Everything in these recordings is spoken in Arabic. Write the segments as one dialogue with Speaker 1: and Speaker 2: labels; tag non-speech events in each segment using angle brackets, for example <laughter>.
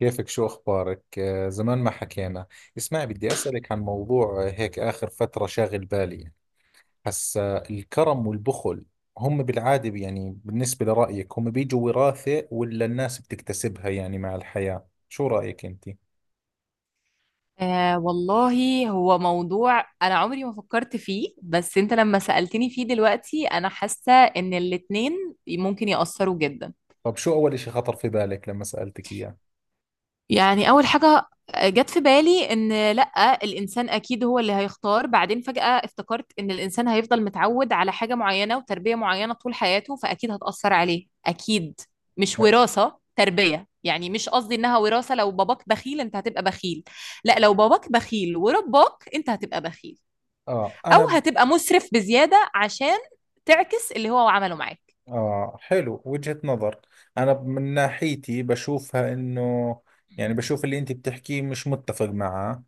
Speaker 1: كيفك؟ شو أخبارك؟ زمان ما حكينا. اسمعي، بدي أسألك عن موضوع. هيك آخر فترة شاغل بالي هسا الكرم والبخل. هم بالعادة، يعني بالنسبة لرأيك، هم بيجوا وراثة ولا الناس بتكتسبها يعني مع الحياة؟ شو رأيك أنت؟
Speaker 2: آه والله، هو موضوع أنا عمري ما فكرت فيه. بس أنت لما سألتني فيه دلوقتي أنا حاسة إن الاتنين ممكن يأثروا جدا.
Speaker 1: طب شو أول إشي خطر في بالك لما سألتك إياه؟
Speaker 2: يعني أول حاجة جت في بالي إن لأ الإنسان أكيد هو اللي هيختار. بعدين فجأة افتكرت إن الإنسان هيفضل متعود على حاجة معينة وتربية معينة طول حياته، فأكيد هتأثر عليه أكيد. مش وراثة، تربية. يعني مش قصدي إنها وراثة، لو باباك بخيل أنت هتبقى بخيل. لأ، لو باباك بخيل ورباك أنت هتبقى بخيل،
Speaker 1: آه
Speaker 2: او
Speaker 1: أنا.
Speaker 2: هتبقى مسرف بزياده عشان تعكس اللي هو عمله معاك.
Speaker 1: آه، حلو وجهة نظر. أنا من ناحيتي بشوفها إنه، يعني بشوف اللي أنت بتحكيه مش متفق معاه.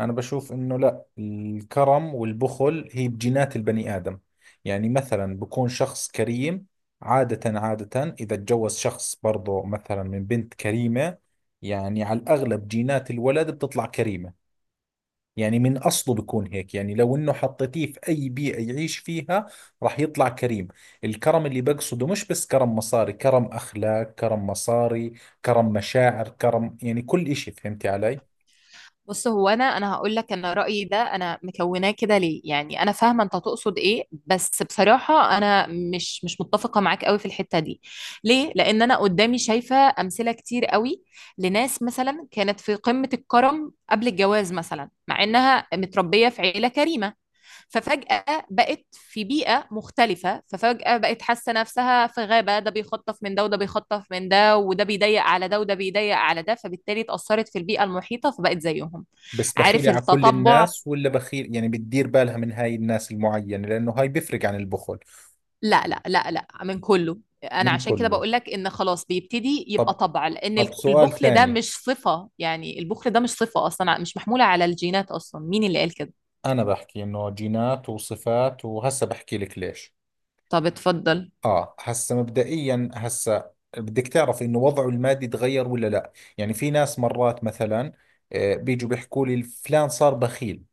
Speaker 1: أنا بشوف إنه لا، الكرم والبخل هي بجينات البني آدم. يعني مثلا بكون شخص كريم، عادة إذا تجوز شخص برضو مثلا من بنت كريمة، يعني على الأغلب جينات الولد بتطلع كريمة. يعني من أصله بيكون هيك، يعني لو إنه حطيتيه في أي بيئة يعيش فيها راح يطلع كريم. الكرم اللي بقصده مش بس كرم مصاري، كرم أخلاق، كرم مصاري، كرم مشاعر، كرم يعني كل إشي، فهمتي علي؟
Speaker 2: بص، هو انا هقول لك انا رايي ده، انا مكوناه كده. ليه؟ يعني انا فاهمه انت تقصد ايه، بس بصراحه انا مش متفقه معاك قوي في الحته دي. ليه؟ لان انا قدامي شايفه امثله كتير قوي، لناس مثلا كانت في قمه الكرم قبل الجواز، مثلا مع انها متربيه في عيله كريمه، ففجأة بقت في بيئة مختلفة، ففجأة بقت حاسة نفسها في غابة، ده بيخطف من ده وده بيخطف من ده وده بيضيق على ده وده بيضيق على ده، فبالتالي اتأثرت في البيئة المحيطة فبقت زيهم.
Speaker 1: بس
Speaker 2: عارف؟
Speaker 1: بخيلة على كل
Speaker 2: التطبع.
Speaker 1: الناس ولا بخيل، يعني بتدير بالها من هاي الناس المعينة؟ لأنه هاي بيفرق عن البخل.
Speaker 2: لا لا لا لا، من كله. انا
Speaker 1: من
Speaker 2: عشان كده
Speaker 1: كله.
Speaker 2: بقول لك ان خلاص بيبتدي يبقى
Speaker 1: طب
Speaker 2: طبع، لان
Speaker 1: طب سؤال
Speaker 2: البخل ده
Speaker 1: ثاني.
Speaker 2: مش صفة. يعني البخل ده مش صفة اصلا، مش محمولة على الجينات اصلا. مين اللي قال كده؟
Speaker 1: أنا بحكي إنه جينات وصفات، وهسه بحكي لك ليش.
Speaker 2: طب اتفضل.
Speaker 1: اه، هسه مبدئيا، هسه بدك تعرف انه وضعه المادي تغير ولا لا. يعني في ناس مرات مثلا بيجوا بيحكوا لي فلان صار بخيل.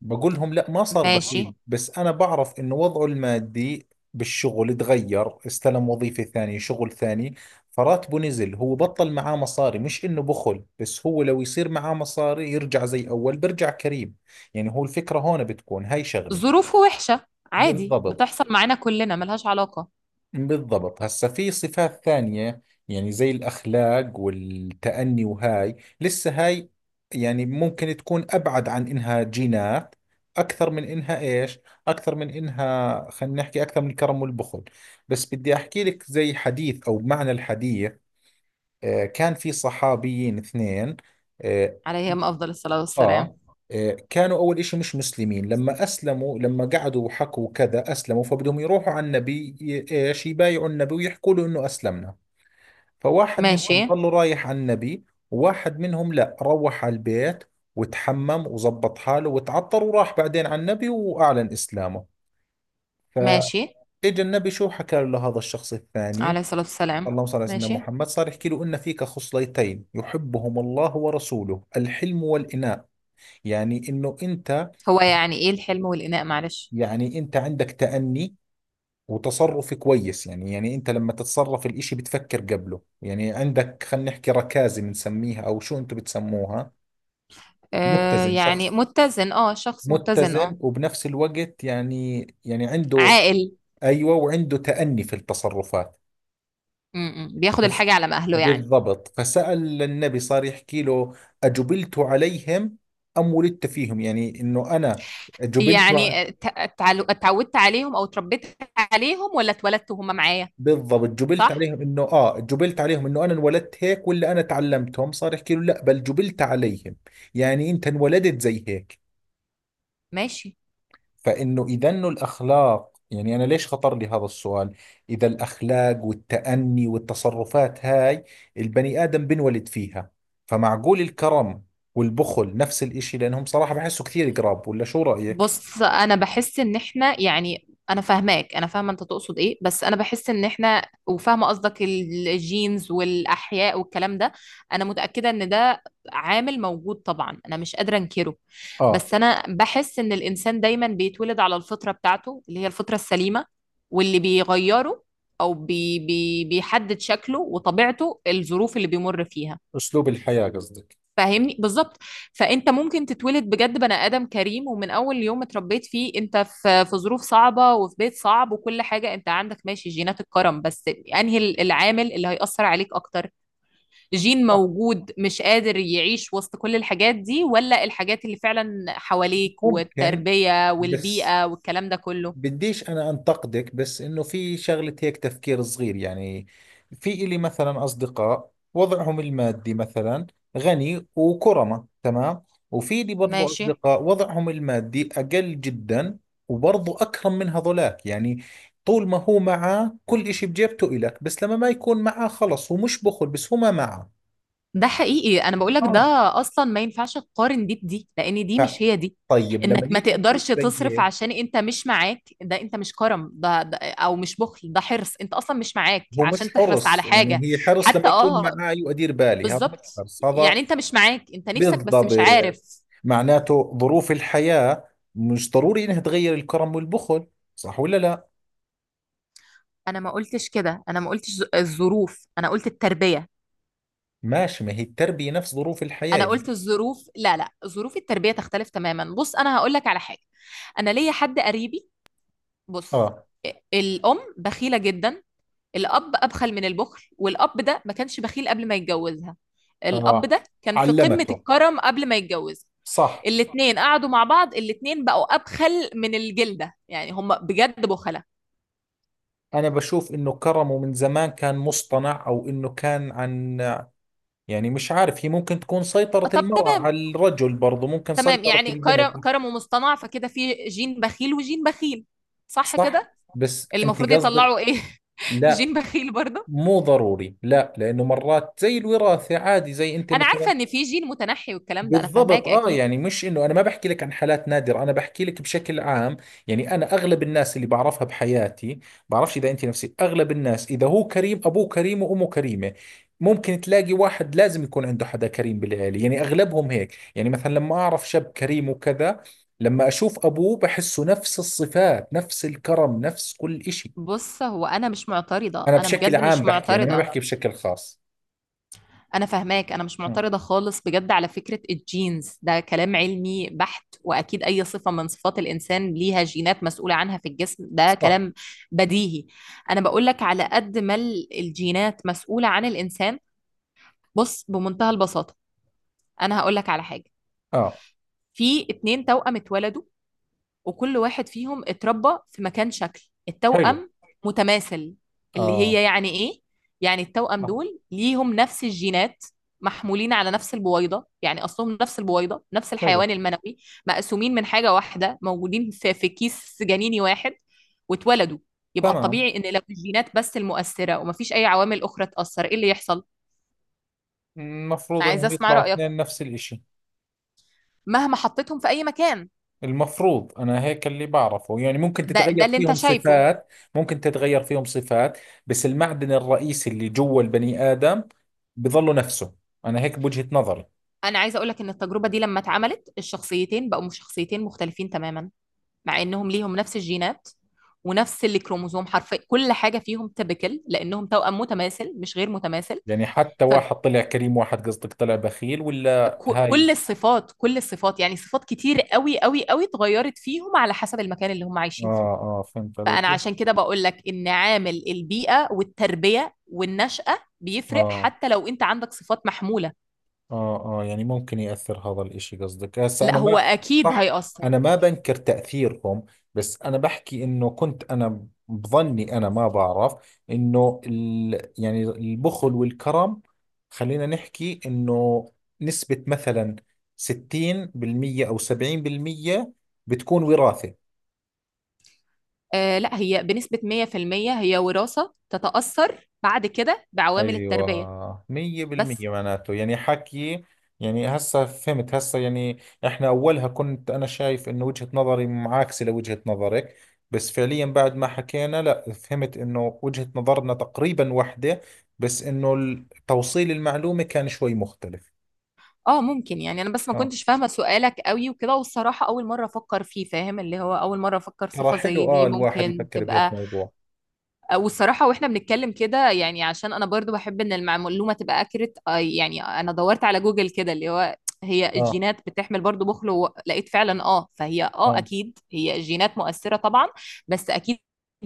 Speaker 1: بقول لهم لا، ما صار
Speaker 2: ماشي.
Speaker 1: بخيل، بس انا بعرف انه وضعه المادي بالشغل تغير، استلم وظيفة ثانية، شغل ثاني، فراتبه نزل، هو بطل معاه مصاري. مش انه بخل، بس هو لو يصير معاه مصاري يرجع زي اول، برجع كريم. يعني هو الفكرة هون بتكون هاي شغلة.
Speaker 2: ظروفه وحشة، عادي،
Speaker 1: بالضبط
Speaker 2: بتحصل معانا كلنا، ملهاش علاقة.
Speaker 1: بالضبط هسا في صفات ثانية، يعني زي الأخلاق والتأني، وهاي لسه هاي يعني ممكن تكون أبعد عن إنها جينات. أكثر من إنها إيش؟ أكثر من إنها، خلينا نحكي، أكثر من الكرم والبخل. بس بدي أحكي لك زي حديث أو معنى الحديث. كان في صحابيين اثنين. آه،
Speaker 2: عليهم أفضل الصلاة والسلام.
Speaker 1: آه. كانوا أول إشي مش مسلمين، لما أسلموا، لما قعدوا وحكوا كذا أسلموا، فبدهم يروحوا على النبي إيش يبايعوا النبي ويحكوا له إنه أسلمنا. فواحد
Speaker 2: ماشي.
Speaker 1: منهم ضلوا رايح على النبي، وواحد منهم لا، روح على البيت وتحمم وزبط حاله وتعطر وراح بعدين على النبي وأعلن إسلامه.
Speaker 2: ماشي.
Speaker 1: فإجا النبي شو حكى له هذا الشخص
Speaker 2: عليه
Speaker 1: الثاني؟
Speaker 2: الصلاة والسلام.
Speaker 1: اللهم صل على سيدنا
Speaker 2: ماشي.
Speaker 1: محمد. صار يحكي له إن فيك خصلتين يحبهم الله ورسوله: الحلم والإناء. يعني إنه أنت،
Speaker 2: هو يعني إيه الحلم والإناء؟ معلش.
Speaker 1: يعني انت عندك تأني وتصرف كويس، يعني يعني انت لما تتصرف الاشي بتفكر قبله. يعني عندك، خلينا نحكي ركازة بنسميها، او شو انتم بتسموها؟
Speaker 2: آه،
Speaker 1: متزن،
Speaker 2: يعني
Speaker 1: شخص
Speaker 2: متزن، اه، شخص متزن، اه.
Speaker 1: متزن، وبنفس الوقت يعني يعني عنده،
Speaker 2: عاقل.
Speaker 1: ايوه، وعنده تأني في التصرفات.
Speaker 2: م -م. بياخد
Speaker 1: بس.
Speaker 2: الحاجة على ما أهله يعني.
Speaker 1: بالضبط. فسأل النبي، صار يحكي له: أجبلت عليهم أم ولدت فيهم؟ يعني إنه أنا جبلت.
Speaker 2: يعني اتعودت عليهم أو اتربيت عليهم، ولا اتولدت وهم معايا؟
Speaker 1: بالضبط، جبلت
Speaker 2: صح.
Speaker 1: عليهم انه، اه، جبلت عليهم انه انا انولدت هيك ولا انا تعلمتهم. صار يحكي له لا بل جبلت عليهم. يعني انت انولدت زي هيك.
Speaker 2: ماشي.
Speaker 1: فانه اذا انه الاخلاق، يعني انا ليش خطر لي هذا السؤال، اذا الاخلاق والتأني والتصرفات هاي البني ادم بنولد فيها، فمعقول الكرم والبخل نفس الاشي، لانهم صراحة بحسوا كثير قراب، ولا شو رأيك؟
Speaker 2: بص، انا بحس ان احنا، يعني انا فاهماك، انا فاهمه انت تقصد ايه، بس انا بحس ان احنا، وفاهمه قصدك الجينز والاحياء والكلام ده. انا متاكده ان ده عامل موجود طبعا، انا مش قادره انكره.
Speaker 1: اه،
Speaker 2: بس انا بحس ان الانسان دايما بيتولد على الفطره بتاعته، اللي هي الفطره السليمه، واللي بيغيره او بي بي بيحدد شكله وطبيعته الظروف اللي بيمر فيها.
Speaker 1: اسلوب الحياة قصدك.
Speaker 2: فاهمني بالظبط. فانت ممكن تتولد بجد بني ادم كريم، ومن اول يوم اتربيت فيه انت في ظروف صعبه وفي بيت صعب وكل حاجه، انت عندك ماشي جينات الكرم، بس انهي العامل اللي هيأثر عليك اكتر؟ جين
Speaker 1: صح.
Speaker 2: موجود مش قادر يعيش وسط كل الحاجات دي، ولا الحاجات اللي فعلا حواليك
Speaker 1: ممكن.
Speaker 2: والتربيه
Speaker 1: بس
Speaker 2: والبيئه والكلام ده كله؟
Speaker 1: بديش أنا أنتقدك، بس إنه في شغلة هيك، تفكير صغير يعني، في إلي مثلا أصدقاء وضعهم المادي مثلا غني وكرمة تمام، وفي لي برضو
Speaker 2: ماشي.
Speaker 1: أصدقاء وضعهم المادي أقل جدا، وبرضو أكرم من هذولاك. يعني طول ما هو معاه كل إشي بجيبته إلك، بس لما ما يكون معاه خلص، هو مش بخل، بس هو ما معاه.
Speaker 2: ده حقيقي، انا بقول لك ده.
Speaker 1: اه.
Speaker 2: اصلا ما ينفعش تقارن دي بدي، لان دي
Speaker 1: ف-
Speaker 2: مش هي دي.
Speaker 1: طيب لما
Speaker 2: انك ما
Speaker 1: نيجي نشوف
Speaker 2: تقدرش
Speaker 1: زي
Speaker 2: تصرف
Speaker 1: هيك.
Speaker 2: عشان انت مش معاك، ده انت مش كرم، ده او مش بخل، ده حرص. انت اصلا مش معاك
Speaker 1: هو
Speaker 2: عشان
Speaker 1: مش
Speaker 2: تحرص على
Speaker 1: حرص،
Speaker 2: حاجة.
Speaker 1: يعني هي حرص لما
Speaker 2: حتى
Speaker 1: يكون
Speaker 2: اه،
Speaker 1: معي وأدير بالي، هذا مش
Speaker 2: بالظبط،
Speaker 1: حرص هذا.
Speaker 2: يعني انت مش معاك، انت نفسك بس
Speaker 1: بالضبط.
Speaker 2: مش عارف.
Speaker 1: معناته ظروف الحياة مش ضروري انها تغير الكرم والبخل. صح ولا لا؟
Speaker 2: انا ما قلتش كده. انا ما قلتش الظروف، انا قلت التربية.
Speaker 1: ماشي، ما هي التربية نفس ظروف الحياة
Speaker 2: انا
Speaker 1: يعني.
Speaker 2: قلت الظروف، لا لا، ظروف التربية تختلف تماما. بص انا هقول لك على حاجة. انا ليا حد قريبي. بص،
Speaker 1: اه.
Speaker 2: الأم بخيلة جدا، الأب أبخل من البخل، والأب ده ما كانش بخيل قبل ما يتجوزها. الأب
Speaker 1: اه،
Speaker 2: ده كان في قمة
Speaker 1: علمته.
Speaker 2: الكرم قبل ما يتجوز.
Speaker 1: صح.
Speaker 2: الاتنين قعدوا مع بعض، الاتنين بقوا أبخل من الجلدة، يعني هم بجد بخلة.
Speaker 1: انا بشوف انه كرمه من زمان كان مصطنع، او انه كان عن، يعني مش عارف، هي ممكن تكون سيطرة
Speaker 2: طب
Speaker 1: المرأة
Speaker 2: تمام.
Speaker 1: على الرجل برضه، ممكن
Speaker 2: تمام،
Speaker 1: سيطرة
Speaker 2: يعني كرم
Speaker 1: البنت.
Speaker 2: كرم ومصطنع، فكده في جين بخيل وجين بخيل. صح
Speaker 1: صح.
Speaker 2: كده؟
Speaker 1: بس
Speaker 2: المفروض
Speaker 1: انت
Speaker 2: يطلعوا
Speaker 1: قصدك.
Speaker 2: ايه؟ <laughs>
Speaker 1: لا،
Speaker 2: جين بخيل برضه.
Speaker 1: مو ضروري لا، لانه مرات زي الوراثة عادي، زي انت
Speaker 2: انا
Speaker 1: مثلا.
Speaker 2: عارفه ان في جين متنحي والكلام ده، انا
Speaker 1: بالضبط،
Speaker 2: فاهماك
Speaker 1: اه.
Speaker 2: اكيد.
Speaker 1: يعني مش انه انا ما بحكي لك عن حالات نادرة، انا بحكي لك بشكل عام. يعني انا اغلب الناس اللي بعرفها بحياتي، بعرفش اذا انت نفسي، اغلب الناس اذا هو كريم ابوه كريم وامه كريمة. ممكن تلاقي واحد لازم يكون عنده حدا كريم بالعيلة، يعني اغلبهم هيك. يعني مثلا لما اعرف شاب كريم وكذا، لما اشوف ابوه بحسه نفس الصفات، نفس الكرم، نفس كل اشي.
Speaker 2: بص، هو انا مش معترضه،
Speaker 1: انا
Speaker 2: انا
Speaker 1: بشكل
Speaker 2: بجد
Speaker 1: عام
Speaker 2: مش
Speaker 1: بحكي، انا ما
Speaker 2: معترضه.
Speaker 1: بحكي بشكل خاص.
Speaker 2: أنا فاهماك، أنا مش
Speaker 1: مم.
Speaker 2: معترضة خالص بجد. على فكرة الجينز ده كلام علمي بحت، وأكيد أي صفة من صفات الإنسان ليها جينات مسؤولة عنها في الجسم. ده
Speaker 1: صح.
Speaker 2: كلام بديهي. أنا بقولك على قد ما الجينات مسؤولة عن الإنسان. بص، بمنتهى البساطة، أنا هقولك على حاجة.
Speaker 1: اه.
Speaker 2: في اتنين توأم اتولدوا، وكل واحد فيهم اتربى في مكان. شكل
Speaker 1: حلو.
Speaker 2: التوأم متماثل، اللي
Speaker 1: اه.
Speaker 2: هي يعني ايه؟ يعني التوأم
Speaker 1: آه،
Speaker 2: دول ليهم نفس الجينات، محمولين على نفس البويضة، يعني أصلهم نفس البويضة، نفس
Speaker 1: حلو.
Speaker 2: الحيوان المنوي، مقسومين من حاجة واحدة، موجودين في, كيس جنيني واحد واتولدوا. يبقى
Speaker 1: تمام،
Speaker 2: الطبيعي إن لو الجينات بس المؤثرة ومفيش أي عوامل أخرى تأثر، إيه اللي يحصل؟
Speaker 1: المفروض
Speaker 2: عايزة
Speaker 1: انهم
Speaker 2: أسمع
Speaker 1: يطلعوا
Speaker 2: رأيك.
Speaker 1: اثنين نفس الاشي.
Speaker 2: مهما حطيتهم في أي مكان.
Speaker 1: المفروض، انا هيك اللي بعرفه، يعني ممكن
Speaker 2: ده
Speaker 1: تتغير
Speaker 2: اللي أنت
Speaker 1: فيهم
Speaker 2: شايفه.
Speaker 1: صفات. ممكن تتغير فيهم صفات، بس المعدن الرئيسي اللي جوا البني ادم بظله نفسه. انا هيك بوجهة نظري.
Speaker 2: انا عايزه اقول لك ان التجربه دي لما اتعملت الشخصيتين بقوا شخصيتين مختلفين تماما، مع انهم ليهم نفس الجينات ونفس الكروموزوم، حرفيا كل حاجه فيهم تبكل لانهم توأم متماثل مش غير متماثل.
Speaker 1: يعني حتى واحد طلع كريم واحد قصدك طلع بخيل، ولا هاي؟
Speaker 2: فكل الصفات، كل الصفات، يعني صفات كتير قوي قوي قوي اتغيرت فيهم على حسب المكان اللي هم
Speaker 1: اه.
Speaker 2: عايشين فيه.
Speaker 1: اه، فهمت عليك.
Speaker 2: فانا عشان كده بقول لك ان عامل البيئه والتربيه والنشأة بيفرق،
Speaker 1: اه.
Speaker 2: حتى لو انت عندك صفات محموله.
Speaker 1: اه اه، يعني ممكن يأثر هذا الاشي قصدك هسه،
Speaker 2: لا،
Speaker 1: انا
Speaker 2: هو
Speaker 1: ما.
Speaker 2: اكيد
Speaker 1: صح.
Speaker 2: هيأثر.
Speaker 1: انا ما بنكر تأثيرهم، بس انا بحكي انه كنت انا بظني، انا ما بعرف، انه ال يعني البخل والكرم، خلينا نحكي انه نسبة مثلا 60% او 70% بتكون وراثة.
Speaker 2: آه لا، هي بنسبة 100% هي وراثة، تتأثر بعد كده بعوامل التربية
Speaker 1: ايوه، مية
Speaker 2: بس.
Speaker 1: بالمية معناته يعني حكي. يعني هسا فهمت هسا، يعني احنا اولها كنت انا شايف انه وجهة نظري معاكسة لوجهة نظرك، بس فعليا بعد ما حكينا لا، فهمت انه وجهة نظرنا تقريبا واحدة، بس انه توصيل المعلومة كان شوي مختلف.
Speaker 2: اه، ممكن، يعني انا بس ما
Speaker 1: اه.
Speaker 2: كنتش فاهمة سؤالك قوي وكده، والصراحة اول مرة افكر فيه، فاهم؟ اللي هو اول مرة افكر
Speaker 1: ترى
Speaker 2: صفة زي
Speaker 1: حلو اه
Speaker 2: دي
Speaker 1: الواحد
Speaker 2: ممكن
Speaker 1: يفكر بهيك
Speaker 2: تبقى.
Speaker 1: موضوع.
Speaker 2: آه، والصراحة واحنا بنتكلم كده يعني، عشان انا برضو بحب ان المعلومة تبقى اكرت، يعني انا دورت على جوجل كده اللي هو هي
Speaker 1: اه.
Speaker 2: الجينات بتحمل برضو بخل، ولقيت فعلا. اه، فهي، اه،
Speaker 1: اه.
Speaker 2: اكيد هي الجينات مؤثرة طبعا، بس اكيد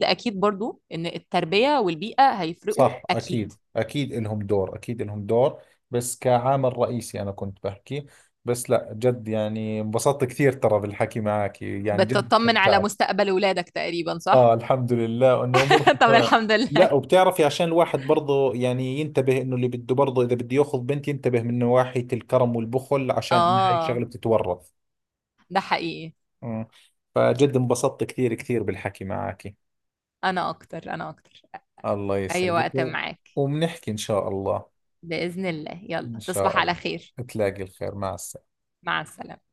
Speaker 2: اكيد برضو ان التربية والبيئة هيفرقوا
Speaker 1: صح.
Speaker 2: اكيد.
Speaker 1: أكيد أكيد إلهم دور، أكيد إلهم دور، بس كعامل رئيسي أنا كنت بحكي. بس لا جد يعني انبسطت كثير ترى بالحكي معك، يعني جد
Speaker 2: بتطمن على
Speaker 1: استمتعت.
Speaker 2: مستقبل ولادك تقريبا
Speaker 1: آه،
Speaker 2: صح؟
Speaker 1: الحمد لله إنه أمورك
Speaker 2: <laughs> طب
Speaker 1: تمام.
Speaker 2: الحمد
Speaker 1: لا،
Speaker 2: لله.
Speaker 1: وبتعرفي عشان الواحد برضه يعني ينتبه، إنه اللي بده برضه إذا بده ياخذ بنت ينتبه من نواحي الكرم والبخل، عشان إنها هاي
Speaker 2: اه
Speaker 1: الشغلة بتتورث.
Speaker 2: ده حقيقي.
Speaker 1: أمم. فجد انبسطت كثير كثير بالحكي معك.
Speaker 2: انا اكتر، انا اكتر.
Speaker 1: الله
Speaker 2: اي
Speaker 1: يسعدك
Speaker 2: وقت معاك.
Speaker 1: وبنحكي إن شاء الله.
Speaker 2: بإذن الله،
Speaker 1: إن
Speaker 2: يلا تصبح
Speaker 1: شاء
Speaker 2: على
Speaker 1: الله.
Speaker 2: خير.
Speaker 1: تلاقي الخير. مع السلامة.
Speaker 2: مع السلامة.